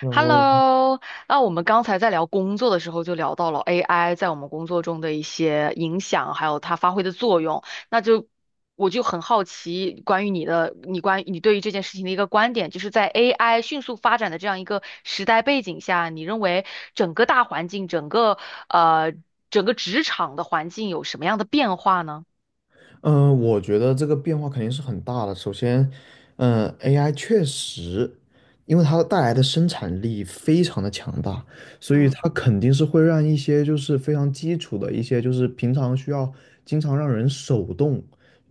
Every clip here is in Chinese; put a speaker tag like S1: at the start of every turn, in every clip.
S1: 然后，
S2: Hello，那我们刚才在聊工作的时候，就聊到了 AI 在我们工作中的一些影响，还有它发挥的作用。那就我就很好奇，关于你的，你关于你对于这件事情的一个观点，就是在 AI 迅速发展的这样一个时代背景下，你认为整个大环境，呃整个职场的环境有什么样的变化呢？
S1: 我觉得这个变化肯定是很大的。首先，AI 确实，因为它带来的生产力非常的强大，所以它肯定是会让一些就是非常基础的一些就是平常需要经常让人手动，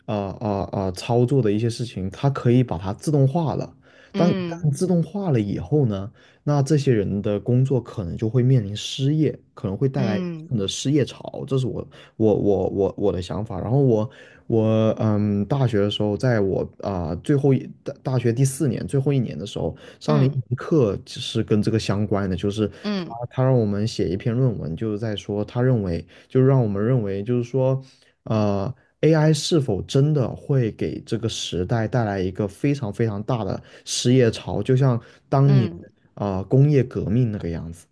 S1: 啊操作的一些事情，它可以把它自动化了。当一
S2: 嗯
S1: 旦自动化了以后呢，那这些人的工作可能就会面临失业，可能会带来
S2: 嗯
S1: 的失业潮，这是我的想法。然后我嗯，大学的时候，在我最后大学第四年最后一年的时候，上了一
S2: 嗯
S1: 门课是跟这个相关的，就是他
S2: 嗯嗯
S1: 他让我们写一篇论文，就是在说他认为，就是让我们认为，就是说，呃。AI 是否真的会给这个时代带来一个非常非常大的失业潮，就像当年
S2: 嗯嗯。
S1: 工业革命那个样子。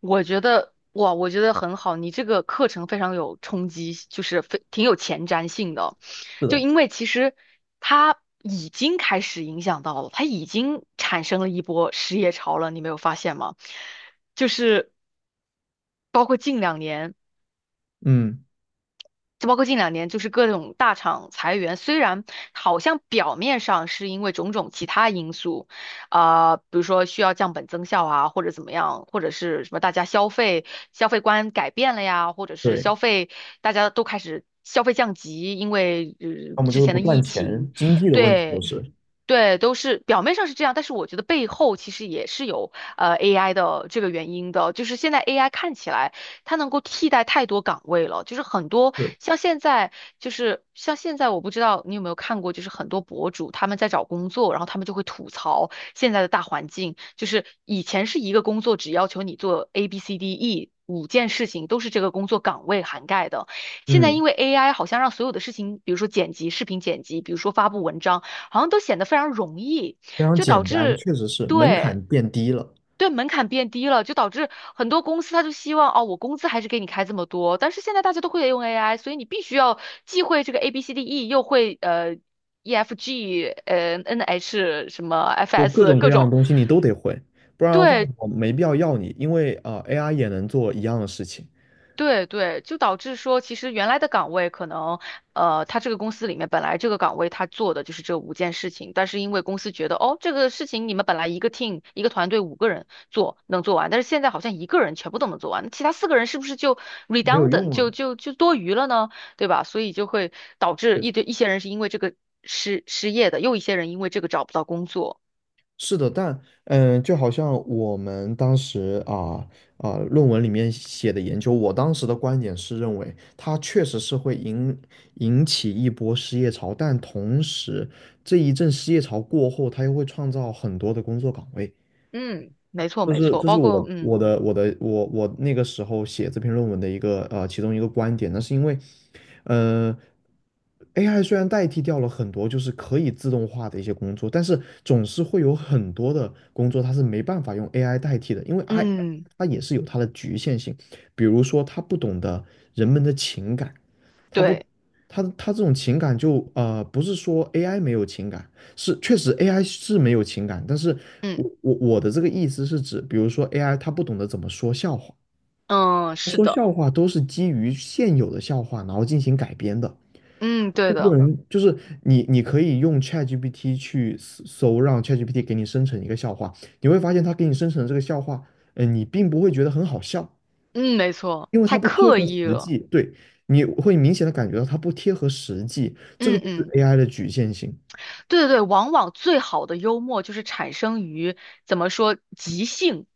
S2: 我觉得哇，我觉得很好，你这个课程非常有冲击，就是非挺有前瞻性的，
S1: 是
S2: 就
S1: 的。
S2: 因为其实它已经开始影响到了，它已经产生了一波失业潮了，你没有发现吗？就是包括近两年。
S1: 嗯，
S2: 就包括近两年，就是各种大厂裁员，虽然好像表面上是因为种种其他因素，比如说需要降本增效啊，或者怎么样，或者是什么大家消费观改变了呀，或者是
S1: 对。
S2: 消费大家都开始消费降级，
S1: 要么
S2: 之
S1: 就是
S2: 前
S1: 不
S2: 的
S1: 赚
S2: 疫情，
S1: 钱，经济的问题都
S2: 对。
S1: 是
S2: 对，都是表面上是这样，但是我觉得背后其实也是有AI 的这个原因的，就是现在 AI 看起来它能够替代太多岗位了，就是很多
S1: 是，
S2: 像现在就是像现在，我不知道你有没有看过，就是很多博主他们在找工作，然后他们就会吐槽现在的大环境，就是以前是一个工作只要求你做 A B C D E。五件事情都是这个工作岗位涵盖的。现在
S1: 嗯，
S2: 因为 AI 好像让所有的事情，比如说剪辑、视频剪辑，比如说发布文章，好像都显得非常容易，
S1: 非常
S2: 就导
S1: 简单，
S2: 致，
S1: 确实是门槛
S2: 对，
S1: 变低了，
S2: 对，门槛变低了，就导致很多公司他就希望哦，我工资还是给你开这么多。但是现在大家都会用 AI，所以你必须要既会这个 A B C D E，又会 E F G N H 什么 F
S1: 就各
S2: S
S1: 种各
S2: 各
S1: 样的
S2: 种。
S1: 东西你都得会，不然的话
S2: 对，
S1: 我没必要要你，因为AI 也能做一样的事情，
S2: 对对，就导致说，其实原来的岗位可能，呃，他这个公司里面本来这个岗位他做的就是这五件事情，但是因为公司觉得，哦，这个事情你们本来一个 team 一个团队五个人做能做完，但是现在好像一个人全部都能做完，那其他四个人是不是就
S1: 没有
S2: redundant
S1: 用
S2: 就
S1: 啊。
S2: 就就多余了呢？对吧？所以就会导致
S1: 确实。
S2: 一堆一些人是因为这个失业的，又一些人因为这个找不到工作。
S1: 是的，但嗯，就好像我们当时论文里面写的研究，我当时的观点是认为它确实是会引起一波失业潮，但同时这一阵失业潮过后，它又会创造很多的工作岗位。
S2: 嗯，没错
S1: 这
S2: 没
S1: 是
S2: 错，
S1: 这是
S2: 包括
S1: 我我
S2: 嗯
S1: 的我的我我那个时候写这篇论文的一个其中一个观点，那是因为，呃，AI 虽然代替掉了很多就是可以自动化的一些工作，但是总是会有很多的工作它是没办法用 AI 代替的，因为 I
S2: 嗯
S1: 它也是有它的局限性，比如说它不懂得人们的情感，它不
S2: 对
S1: 它这种情感不是说 AI 没有情感，是，确实 AI 是没有情感，但是
S2: 嗯
S1: 我的这个意思是指，比如说 AI 它不懂得怎么说笑话，
S2: 嗯是
S1: 说
S2: 的，
S1: 笑话都是基于现有的笑话，然后进行改编的。
S2: 嗯
S1: 并
S2: 对
S1: 不
S2: 的。
S1: 能就是你，你可以用 ChatGPT 去搜，让 ChatGPT 给你生成一个笑话，你会发现它给你生成的这个笑话，嗯，你并不会觉得很好笑，
S2: 嗯，没错，
S1: 因为
S2: 太
S1: 它不贴
S2: 刻
S1: 合
S2: 意
S1: 实
S2: 了。
S1: 际。对，你会明显的感觉到它不贴合实际，这个
S2: 嗯
S1: 就是
S2: 嗯，
S1: AI 的局限性。
S2: 对对对，往往最好的幽默就是产生于怎么说即兴，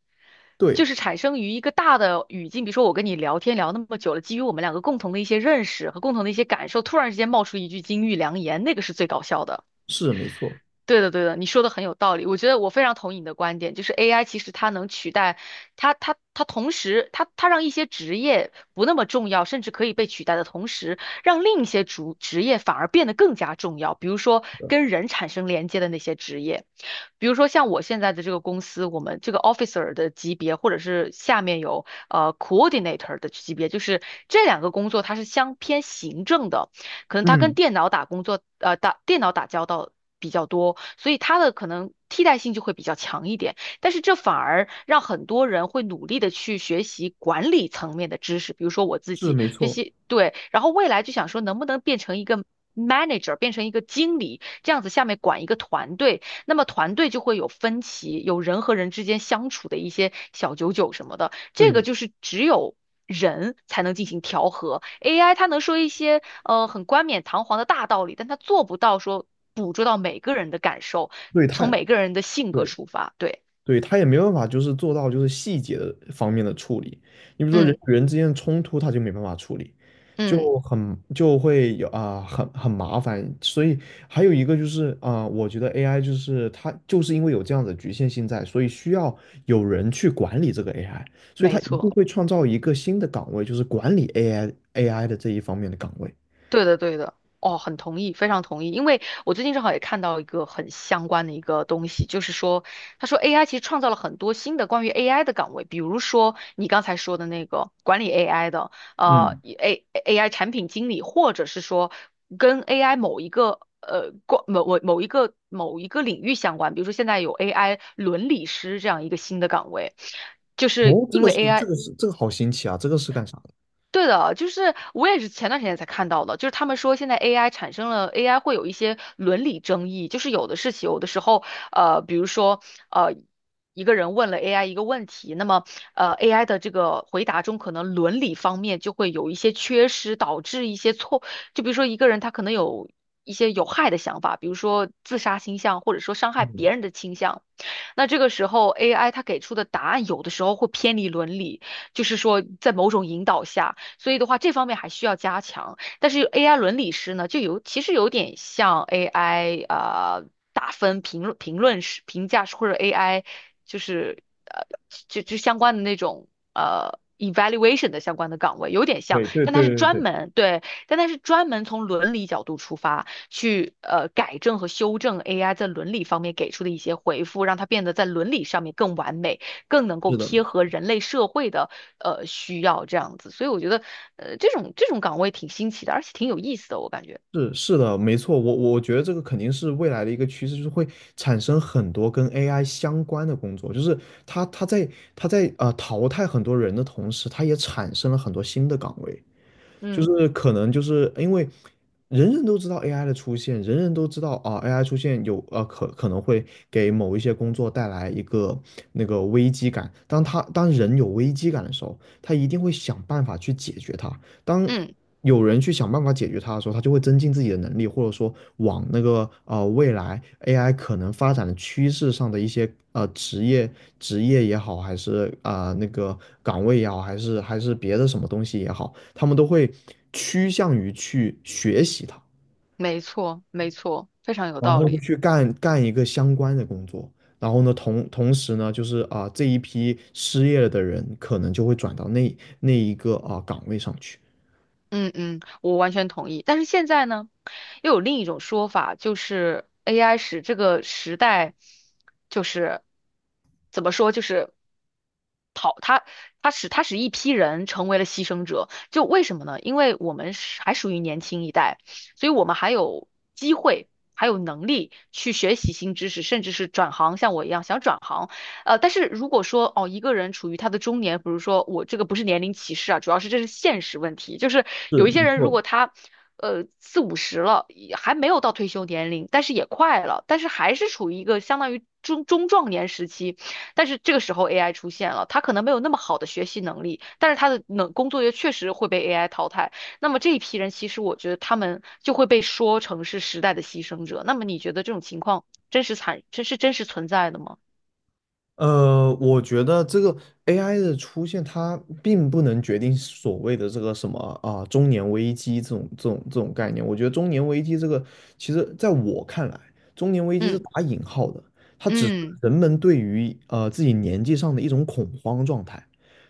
S2: 就
S1: 对，
S2: 是产生于一个大的语境，比如说我跟你聊天聊那么久了，基于我们两个共同的一些认识和共同的一些感受，突然之间冒出一句金玉良言，那个是最搞笑的。
S1: 是没错，
S2: 对的，对的，你说的很有道理。我觉得我非常同意你的观点，就是 AI 其实它能取代，它同时，它让一些职业不那么重要，甚至可以被取代的同时，让另一些主职业反而变得更加重要。比如说跟人产生连接的那些职业，比如说像我现在的这个公司，我们这个 officer 的级别，或者是下面有coordinator 的级别，就是这两个工作它是相偏行政的。可能他跟
S1: 嗯，
S2: 电脑打工作，呃，打电脑打交道比较多，所以他的可能替代性就会比较强一点。但是这反而让很多人会努力的去学习管理层面的知识，比如说我自
S1: 是
S2: 己
S1: 没
S2: 学
S1: 错。
S2: 习，对，然后未来就想说能不能变成一个 manager，变成一个经理，这样子下面管一个团队，那么团队就会有分歧，有人和人之间相处的一些小九九什么的。这个
S1: 对
S2: 就是只有人才能进行调和，AI 它能说一些很冠冕堂皇的大道理，但它做不到说捕捉到每个人的感受，
S1: 对，
S2: 从每个人的性格
S1: 对
S2: 出发。对，
S1: 对他也没办法，就是做到就是细节的方面的处理。你比如说人
S2: 嗯
S1: 与人之间的冲突，他就没办法处理，
S2: 嗯，
S1: 就很就会有很麻烦。所以还有一个就是我觉得 AI 就是它就是因为有这样的局限性在，所以需要有人去管理这个 AI,所以
S2: 没
S1: 它一定
S2: 错。
S1: 会创造一个新的岗位，就是管理 AI 的这一方面的岗位。
S2: 对的，对的，哦，很同意，非常同意。因为我最近正好也看到一个很相关的一个东西，就是说，他说 AI 其实创造了很多新的关于 AI 的岗位，比如说你刚才说的那个管理 AI 的，呃，
S1: 嗯，
S2: AI 产品经理，或者是说跟 AI 某一个呃关某某某一个某一个领域相关，比如说现在有 AI 伦理师这样一个新的岗位。就是
S1: 哦，
S2: 因为 AI
S1: 这个好新奇啊，这个是干啥的？
S2: 对的，就是我也是前段时间才看到的，就是他们说现在 AI 产生了 AI 会有一些伦理争议，就是有的事情，有的时候，比如说，呃，一个人问了 AI 一个问题，那么，呃，AI 的这个回答中可能伦理方面就会有一些缺失，导致一些错，就比如说一个人他可能有一些有害的想法，比如说自杀倾向，或者说伤害
S1: 嗯，
S2: 别人的倾向。那这个时候 AI 它给出的答案有的时候会偏离伦理，就是说在某种引导下，所以的话这方面还需要加强。但是 AI 伦理师呢，就有其实有点像 AI 打分评论师评价师或者 AI 就是呃就就相关的那种evaluation 的相关的岗位有点像，
S1: 对对
S2: 但它
S1: 对
S2: 是
S1: 对
S2: 专
S1: 对。
S2: 门对，但它是专门从伦理角度出发。去改正和修正 AI 在伦理方面给出的一些回复，让它变得在伦理上面更完美，更能
S1: 是
S2: 够
S1: 的，
S2: 贴合人类社会的需要这样子。所以我觉得这种岗位挺新奇的，而且挺有意思的，我感觉。
S1: 是的，没错，我觉得这个肯定是未来的一个趋势，就是会产生很多跟 AI 相关的工作，就是它它在它在淘汰很多人的同时，它也产生了很多新的岗位，就
S2: 嗯
S1: 是可能就是因为人人都知道 AI 的出现，人人都知道AI 出现有可能会给某一些工作带来一个那个危机感，当人有危机感的时候，他一定会想办法去解决它。当
S2: 嗯，
S1: 有人去想办法解决它的时候，他就会增进自己的能力，或者说往那个未来 AI 可能发展的趋势上的一些职业也好，还是那个岗位也好，还是别的什么东西也好，他们都会趋向于去学习它，
S2: 没错没错，非常有
S1: 然
S2: 道
S1: 后就
S2: 理。
S1: 去干一个相关的工作。然后呢，同时呢，就是这一批失业了的人可能就会转到那一个岗位上去。
S2: 嗯嗯，我完全同意。但是现在呢，又有另一种说法，就是 AI 使这个时代，就是怎么说，就是他使一批人成为了牺牲者，就为什么呢？因为我们是还属于年轻一代，所以我们还有机会，还有能力去学习新知识，甚至是转行，像我一样想转行。呃，但是如果说哦，一个人处于他的中年，比如说我这个不是年龄歧视啊，主要是这是现实问题，就是
S1: 是，
S2: 有一些
S1: 没
S2: 人如
S1: 错，
S2: 果他。呃，四五十了，也还没有到退休年龄，但是也快了，但是还是处于一个相当于中壮年时期，但是这个时候 AI 出现了，它可能没有那么好的学习能力，但是它的能工作也确实会被 AI 淘汰。那么这一批人，其实我觉得他们就会被说成是时代的牺牲者。那么你觉得这种情况真实惨，这是真实存在的吗？
S1: 我觉得这个 AI 的出现，它并不能决定所谓的这个什么中年危机这种概念。我觉得中年危机这个，其实在我看来，中年危机是
S2: 嗯
S1: 打引号的，它只是
S2: 嗯
S1: 人们对于自己年纪上的一种恐慌状态。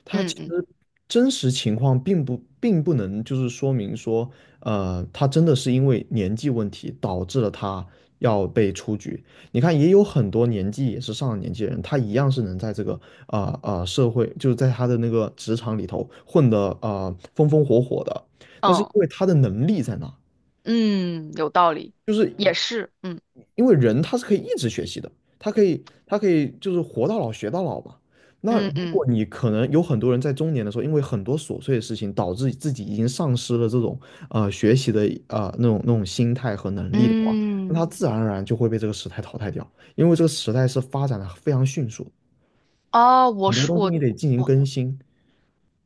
S1: 它其
S2: 嗯嗯
S1: 实真实情况并不能就是说明说，他真的是因为年纪问题导致了他要被出局。你看，也有很多年纪也是上了年纪的人，他一样是能在这个社会，就是在他的那个职场里头混得风风火火的。但是因
S2: 嗯
S1: 为他的能力在那，
S2: 嗯，有道理，也是，嗯
S1: 因为人他是可以一直学习的，他可以就是活到老学到老嘛。那如
S2: 嗯嗯
S1: 果你可能有很多人在中年的时候，因为很多琐碎的事情，导致自己已经丧失了这种学习的那种心态和能力的话，那他
S2: 嗯。
S1: 自然而然就会被这个时代淘汰掉，因为这个时代是发展的非常迅速的。
S2: 啊，我
S1: 很多
S2: 是
S1: 东西
S2: 我
S1: 你得进行更新，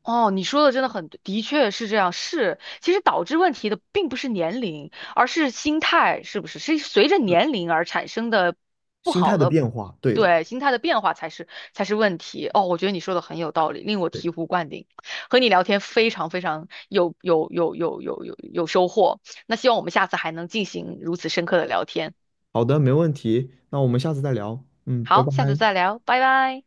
S2: 哦，你说的真的很对，的确是这样。是，其实导致问题的并不是年龄，而是心态，是不是？是随着
S1: 是
S2: 年龄而产生的不
S1: 心
S2: 好
S1: 态的
S2: 的，
S1: 变化。对的，
S2: 对，心态的变化才是才是问题。哦，我觉得你说的很有道理，令我
S1: 对，
S2: 醍醐灌顶。和你聊天非常非常有收获。那希望我们下次还能进行如此深刻的聊天。
S1: 好的，没问题。那我们下次再聊。嗯，拜
S2: 好，
S1: 拜。
S2: 下次再聊，拜拜。